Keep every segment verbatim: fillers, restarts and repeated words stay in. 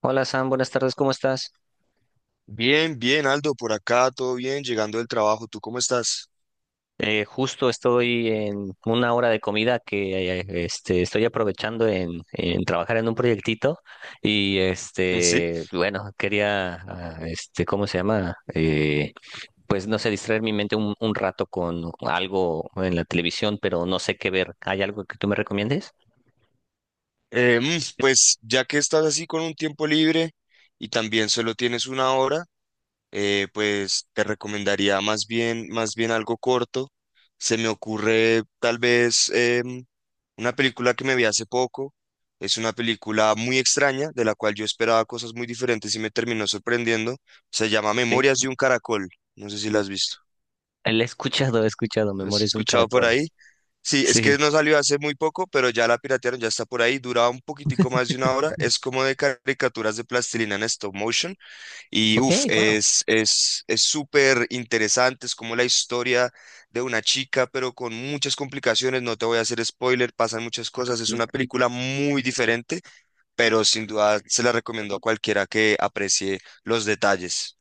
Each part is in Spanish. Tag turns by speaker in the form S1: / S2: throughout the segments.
S1: Hola Sam, buenas tardes, ¿cómo estás?
S2: Bien, bien, Aldo, por acá, todo bien, llegando del trabajo, ¿tú cómo estás?
S1: Eh, justo estoy en una hora de comida que eh, este, estoy aprovechando en, en trabajar en un proyectito y
S2: Sí.
S1: este, bueno, quería, ah, este, ¿cómo se llama? Eh, pues no sé, distraer mi mente un, un rato con algo en la televisión, pero no sé qué ver. ¿Hay algo que tú me recomiendes?
S2: Eh, mm, pues ya que estás así con un tiempo libre y también solo tienes una hora, eh, pues te recomendaría más bien, más bien algo corto. Se me ocurre tal vez em, una película que me vi hace poco. Es una película muy extraña, de la cual yo esperaba cosas muy diferentes y me terminó sorprendiendo. Se llama
S1: Sí.
S2: Memorias de un Caracol. No sé si la has visto.
S1: Eh, La he escuchado, he escuchado,
S2: ¿La has
S1: Memorias de un
S2: escuchado por
S1: caracol.
S2: ahí? Sí, es que
S1: Sí.
S2: no salió hace muy poco, pero ya la piratearon, ya está por ahí. Duraba un poquitico más de una hora. Es como de caricaturas de plastilina en stop motion. Y
S1: Ok,
S2: uff,
S1: wow.
S2: es, es, es súper interesante. Es como la historia de una chica, pero con muchas complicaciones. No te voy a hacer spoiler, pasan muchas cosas. Es una película muy diferente, pero sin duda se la recomiendo a cualquiera que aprecie los detalles.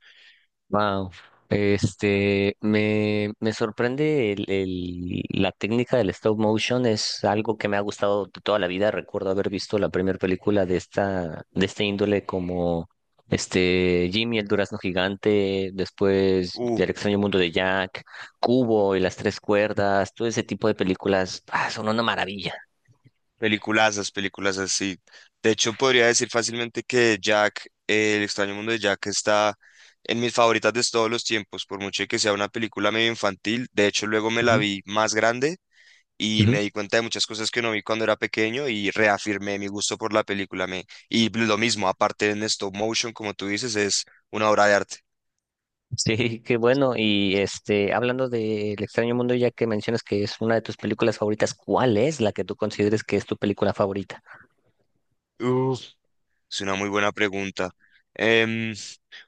S1: Wow. Este, me, me sorprende el, el- la técnica del stop motion, es algo que me ha gustado de toda la vida. Recuerdo haber visto la primera película de esta, de este índole como este Jimmy, el durazno gigante, después
S2: Uh,
S1: El extraño mundo de Jack, Cubo y las tres cuerdas, todo ese tipo de películas, ah, son una maravilla.
S2: Peliculazas, peliculazas, sí. De hecho, podría decir fácilmente que Jack, eh, El extraño mundo de Jack está en mis favoritas de todos los tiempos, por mucho que sea una película medio infantil. De hecho, luego me la
S1: Ujú,
S2: vi más grande y
S1: ujú.
S2: me di cuenta de muchas cosas que no vi cuando era pequeño y reafirmé mi gusto por la película. Me... Y lo mismo, aparte en stop motion, como tú dices, es una obra de arte.
S1: Sí, qué bueno. Y este, hablando de El extraño mundo, ya que mencionas que es una de tus películas favoritas, ¿cuál es la que tú consideres que es tu película favorita?
S2: Uf. Es una muy buena pregunta. Em,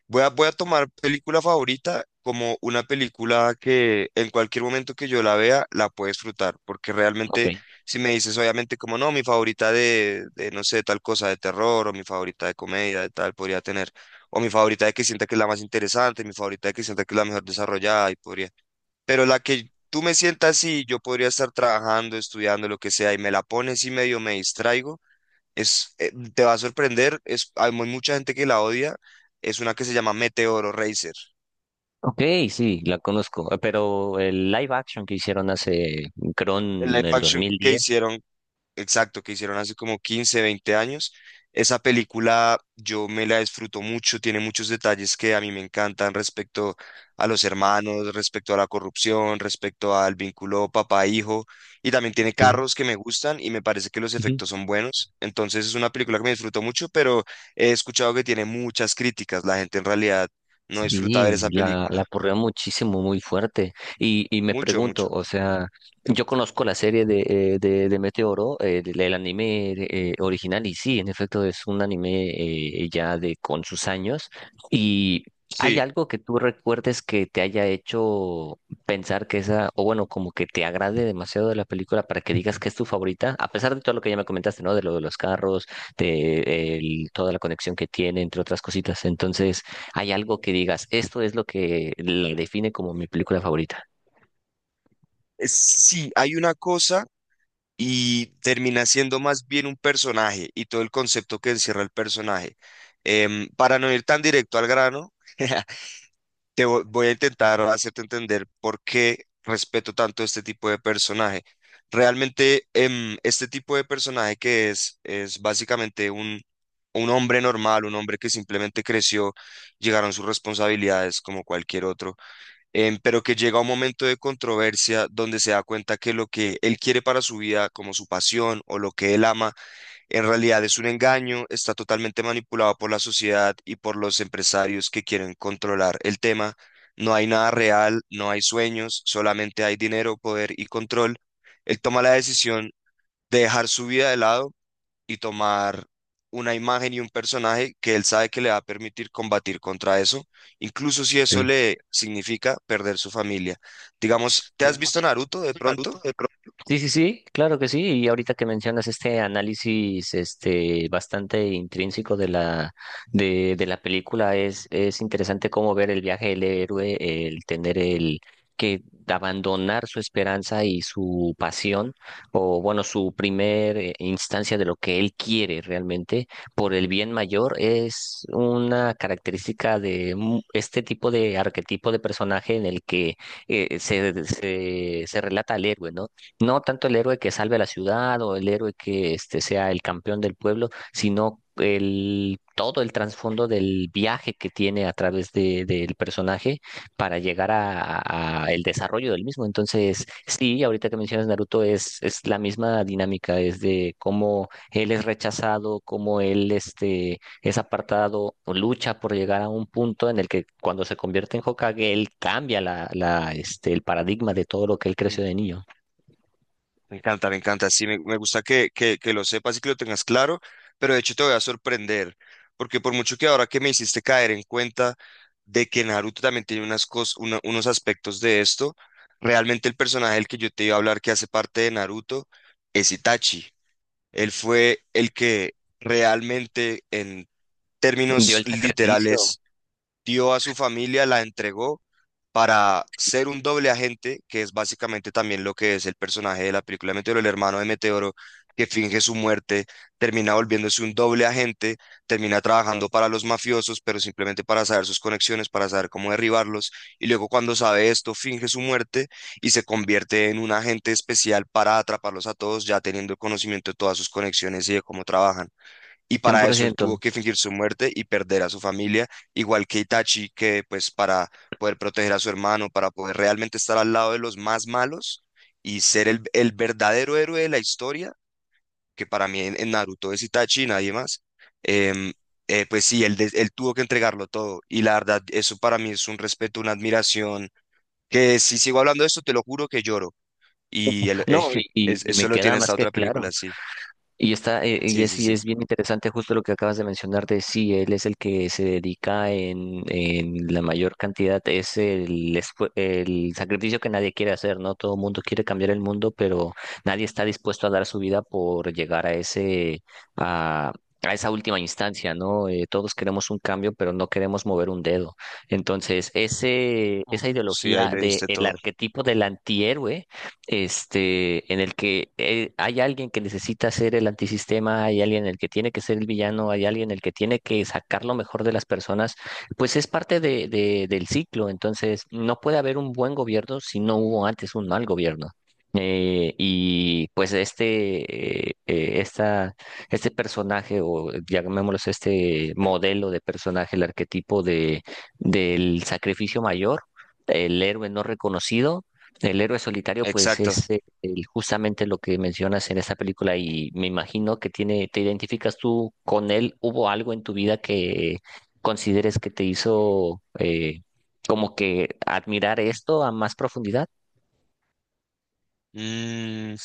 S2: Voy a, voy a tomar película favorita como una película que en cualquier momento que yo la vea la puedo disfrutar, porque
S1: Ok.
S2: realmente si me dices obviamente como no, mi favorita de, de no sé, tal cosa de terror o mi favorita de comedia de tal podría tener, o mi favorita de que sienta que es la más interesante, mi favorita de que sienta que es la mejor desarrollada y podría, pero la que tú me sientas y yo podría estar trabajando, estudiando, lo que sea y me la pones y medio me distraigo. Es, eh, te va a sorprender, es, hay mu- mucha gente que la odia, es una que se llama Meteoro Racer,
S1: Ok, sí, la conozco, eh, pero el live action que hicieron hace, creo,
S2: el live
S1: en el
S2: action que
S1: dos mil diez.
S2: hicieron exacto, que hicieron hace como quince, veinte años. Esa película yo me la disfruto mucho, tiene muchos detalles que a mí me encantan respecto a los hermanos, respecto a la corrupción, respecto al vínculo papá-hijo, y también tiene carros que me gustan y me parece que los
S1: Ok.
S2: efectos son buenos. Entonces es una película que me disfruto mucho, pero he escuchado que tiene muchas críticas. La gente en realidad no disfruta ver
S1: Sí,
S2: esa
S1: la, la
S2: película.
S1: aporreó muchísimo, muy fuerte. Y, y me
S2: Mucho,
S1: pregunto,
S2: mucho.
S1: o sea, yo conozco la serie de, eh, de, de Meteoro, eh, del- el, anime eh, original, y sí, en efecto es un anime eh, ya de con sus años. ¿Y hay
S2: Sí.
S1: algo que tú recuerdes que te haya hecho pensar que esa, o bueno, como que te agrade demasiado de la película para que digas que es tu favorita? A pesar de todo lo que ya me comentaste, ¿no? De lo de los carros, de el- toda la conexión que tiene, entre otras cositas. Entonces... ¿Hay algo que digas, esto es lo que la define como mi película favorita?
S2: Es- Sí, hay una cosa y termina siendo más bien un personaje y todo el concepto que encierra el personaje. Em, para no ir tan directo al grano, te vo- voy a intentar hacerte entender por qué respeto tanto este tipo de personaje. Realmente, em, este tipo de personaje que es, es básicamente un, un hombre normal, un hombre que simplemente creció, llegaron sus responsabilidades como cualquier otro em, pero que llega un momento de controversia donde se da cuenta que lo que él quiere para su vida, como su pasión o lo que él ama, en realidad es un engaño, está totalmente manipulado por la sociedad y por los empresarios que quieren controlar el tema. No hay nada real, no hay sueños, solamente hay dinero, poder y control. Él toma la decisión de dejar su vida de lado y tomar una imagen y un personaje que él sabe que le va a permitir combatir contra eso, incluso si eso
S1: Ok.
S2: le significa perder su familia. Digamos, ¿te has visto Naruto de pronto?
S1: Sí, sí, sí, claro que sí. Y ahorita que mencionas este análisis, este, bastante intrínseco de la, de, de la película, es, es interesante cómo ver el viaje del héroe, el tener el que abandonar su esperanza y su pasión, o bueno, su primer eh, instancia de lo que él quiere realmente por el bien mayor, es una característica de mu- este tipo de arquetipo de personaje en el que eh, se, se, se relata al héroe, ¿no? No tanto el héroe que salve a la ciudad o el héroe que este, sea el campeón del pueblo, sino el, todo el trasfondo del viaje que tiene a través de, del personaje para llegar a, a- a el desarrollo del mismo. Entonces, sí, ahorita que mencionas Naruto es, es la misma dinámica, es de cómo él es rechazado, cómo él este, es apartado o lucha por llegar a un punto en el que cuando se convierte en Hokage, él cambia la, la, este, el paradigma de todo lo que él
S2: Me
S1: creció de niño.
S2: me encanta, me encanta. Sí, me, me gusta que, que, que lo sepas y que lo tengas claro, pero de hecho te voy a sorprender, porque por mucho que ahora que me hiciste caer en cuenta de que Naruto también tiene unas cos- una- unos aspectos de esto, realmente el personaje del que yo te iba a hablar que hace parte de Naruto es Itachi. Él fue el que realmente en
S1: Dio
S2: términos
S1: el sacrificio,
S2: literales dio a su familia, la entregó para ser un doble agente, que es básicamente también lo que es el personaje de la película Meteoro, el hermano de Meteoro, que finge su muerte, termina volviéndose un doble agente, termina trabajando para los mafiosos, pero simplemente para saber sus conexiones, para saber cómo derribarlos, y luego cuando sabe esto, finge su muerte y se convierte en un agente especial para atraparlos a todos, ya teniendo conocimiento de todas sus conexiones y de cómo trabajan y para eso él
S1: cien por ciento.
S2: tuvo que fingir su muerte y perder a su familia, igual que Itachi, que pues para poder proteger a su hermano, para poder realmente estar al lado de los más malos y ser el, el verdadero héroe de la historia, que para mí en, en Naruto es Itachi y nadie más, em, eh, pues sí, él, des- él tuvo que entregarlo todo y la verdad, eso para mí es un respeto, una admiración, que si sigo hablando de esto, te lo juro que lloro y el-
S1: No, y,
S2: eh,
S1: y-
S2: es-
S1: y
S2: eso
S1: me
S2: lo tiene
S1: queda más
S2: esta
S1: que
S2: otra
S1: claro.
S2: película, sí,
S1: Y está, eh, y
S2: sí, sí,
S1: es, y
S2: sí.
S1: es bien interesante justo lo que acabas de mencionar de sí, él es el que se dedica en, en la mayor cantidad, es el, esfu- el sacrificio que nadie quiere hacer, ¿no? Todo el mundo quiere cambiar el mundo, pero nadie está dispuesto a dar su vida por llegar a ese, a, a esa última instancia, ¿no? Eh, todos queremos un cambio, pero no queremos mover un dedo. Entonces, ese,
S2: Uf,
S1: esa
S2: sí, ahí
S1: ideología
S2: le
S1: del
S2: diste todo.
S1: arquetipo del antihéroe este, en el que eh, hay alguien que necesita ser el antisistema, hay alguien en el que tiene que ser el villano, hay alguien en el que tiene que sacar lo mejor de las personas, pues es parte de, de- del ciclo. Entonces, no puede haber un buen gobierno si no hubo antes un mal gobierno. Eh, y pues este, eh, eh, esta, este personaje, o llamémoslo este modelo de personaje, el arquetipo de, del sacrificio mayor, el héroe no reconocido, el héroe solitario, pues
S2: Exacto.
S1: es eh, el- justamente lo que mencionas en esta película y me imagino que tiene, te identificas tú con él. ¿Hubo algo en tu vida que consideres que te hizo eh, como que admirar esto a más profundidad?
S2: Mm,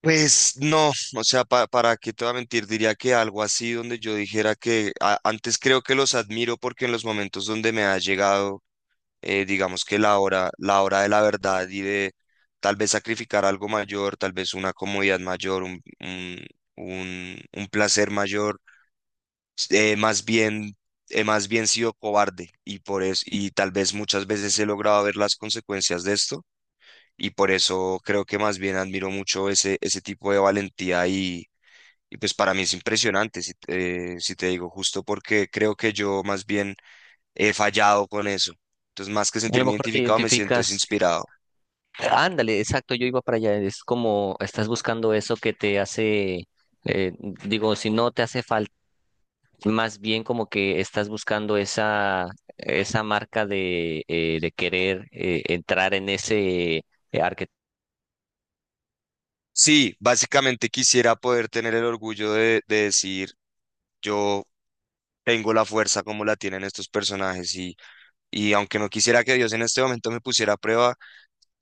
S2: pues no, o sea, pa- para qué te voy a mentir, diría que algo así donde yo dijera que a- antes creo que los admiro porque en los momentos donde me ha llegado, eh, digamos que la hora, la hora de la verdad y de tal vez sacrificar algo mayor, tal vez una comodidad mayor, un, un, un- un placer mayor, eh, más bien, he más bien sido cobarde y por eso, y tal vez muchas veces he logrado ver las consecuencias de esto y por eso creo que más bien admiro mucho ese, ese tipo de valentía y, y pues para mí es impresionante, si, eh, si te digo, justo porque creo que yo más bien he fallado con eso. Entonces, más que
S1: A lo
S2: sentirme
S1: mejor te
S2: identificado, me siento es
S1: identificas,
S2: inspirado.
S1: ándale, exacto, yo iba para allá. Es como estás buscando eso que te hace, eh, digo, si no te hace falta más bien como que estás buscando esa, esa marca de, eh, de querer eh, entrar en ese...
S2: Sí, básicamente quisiera poder tener el orgullo de, de decir, yo tengo la fuerza como la tienen estos personajes y, y aunque no quisiera que Dios en este momento me pusiera a prueba,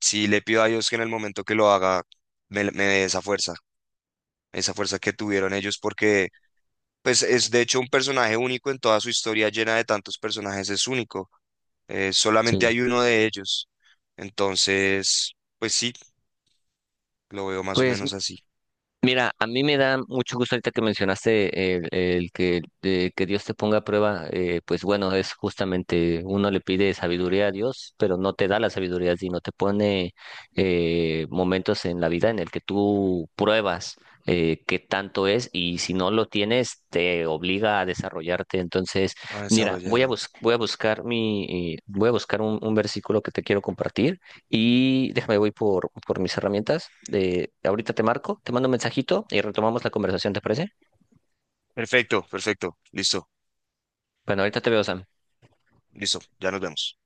S2: sí le pido a Dios que en el momento que lo haga me, me dé esa fuerza, esa fuerza que tuvieron ellos porque Pues es de hecho un personaje único en toda su historia llena de tantos personajes, es único. eh, solamente
S1: Sí.
S2: hay uno de ellos. Entonces, pues sí, lo veo más o
S1: Pues
S2: menos así,
S1: mira, a mí me da mucho gusto ahorita que mencionaste el, el que, de que Dios te ponga a prueba, eh, pues bueno, es justamente uno le pide sabiduría a Dios, pero no te da la sabiduría, sino te pone eh, momentos en la vida en el que tú pruebas eh, qué tanto es y si no lo tienes te obliga a desarrollarte. Entonces,
S2: a
S1: mira, voy a
S2: desarrollarlo.
S1: bus- voy a buscar mi, eh, voy a buscar un un versículo que te quiero compartir y déjame, voy por, por mis herramientas. De, ahorita te marco, te mando un mensajito y retomamos la conversación, ¿te parece?
S2: Perfecto, perfecto, listo,
S1: Bueno, ahorita te veo, Sam.
S2: listo, ya nos vemos.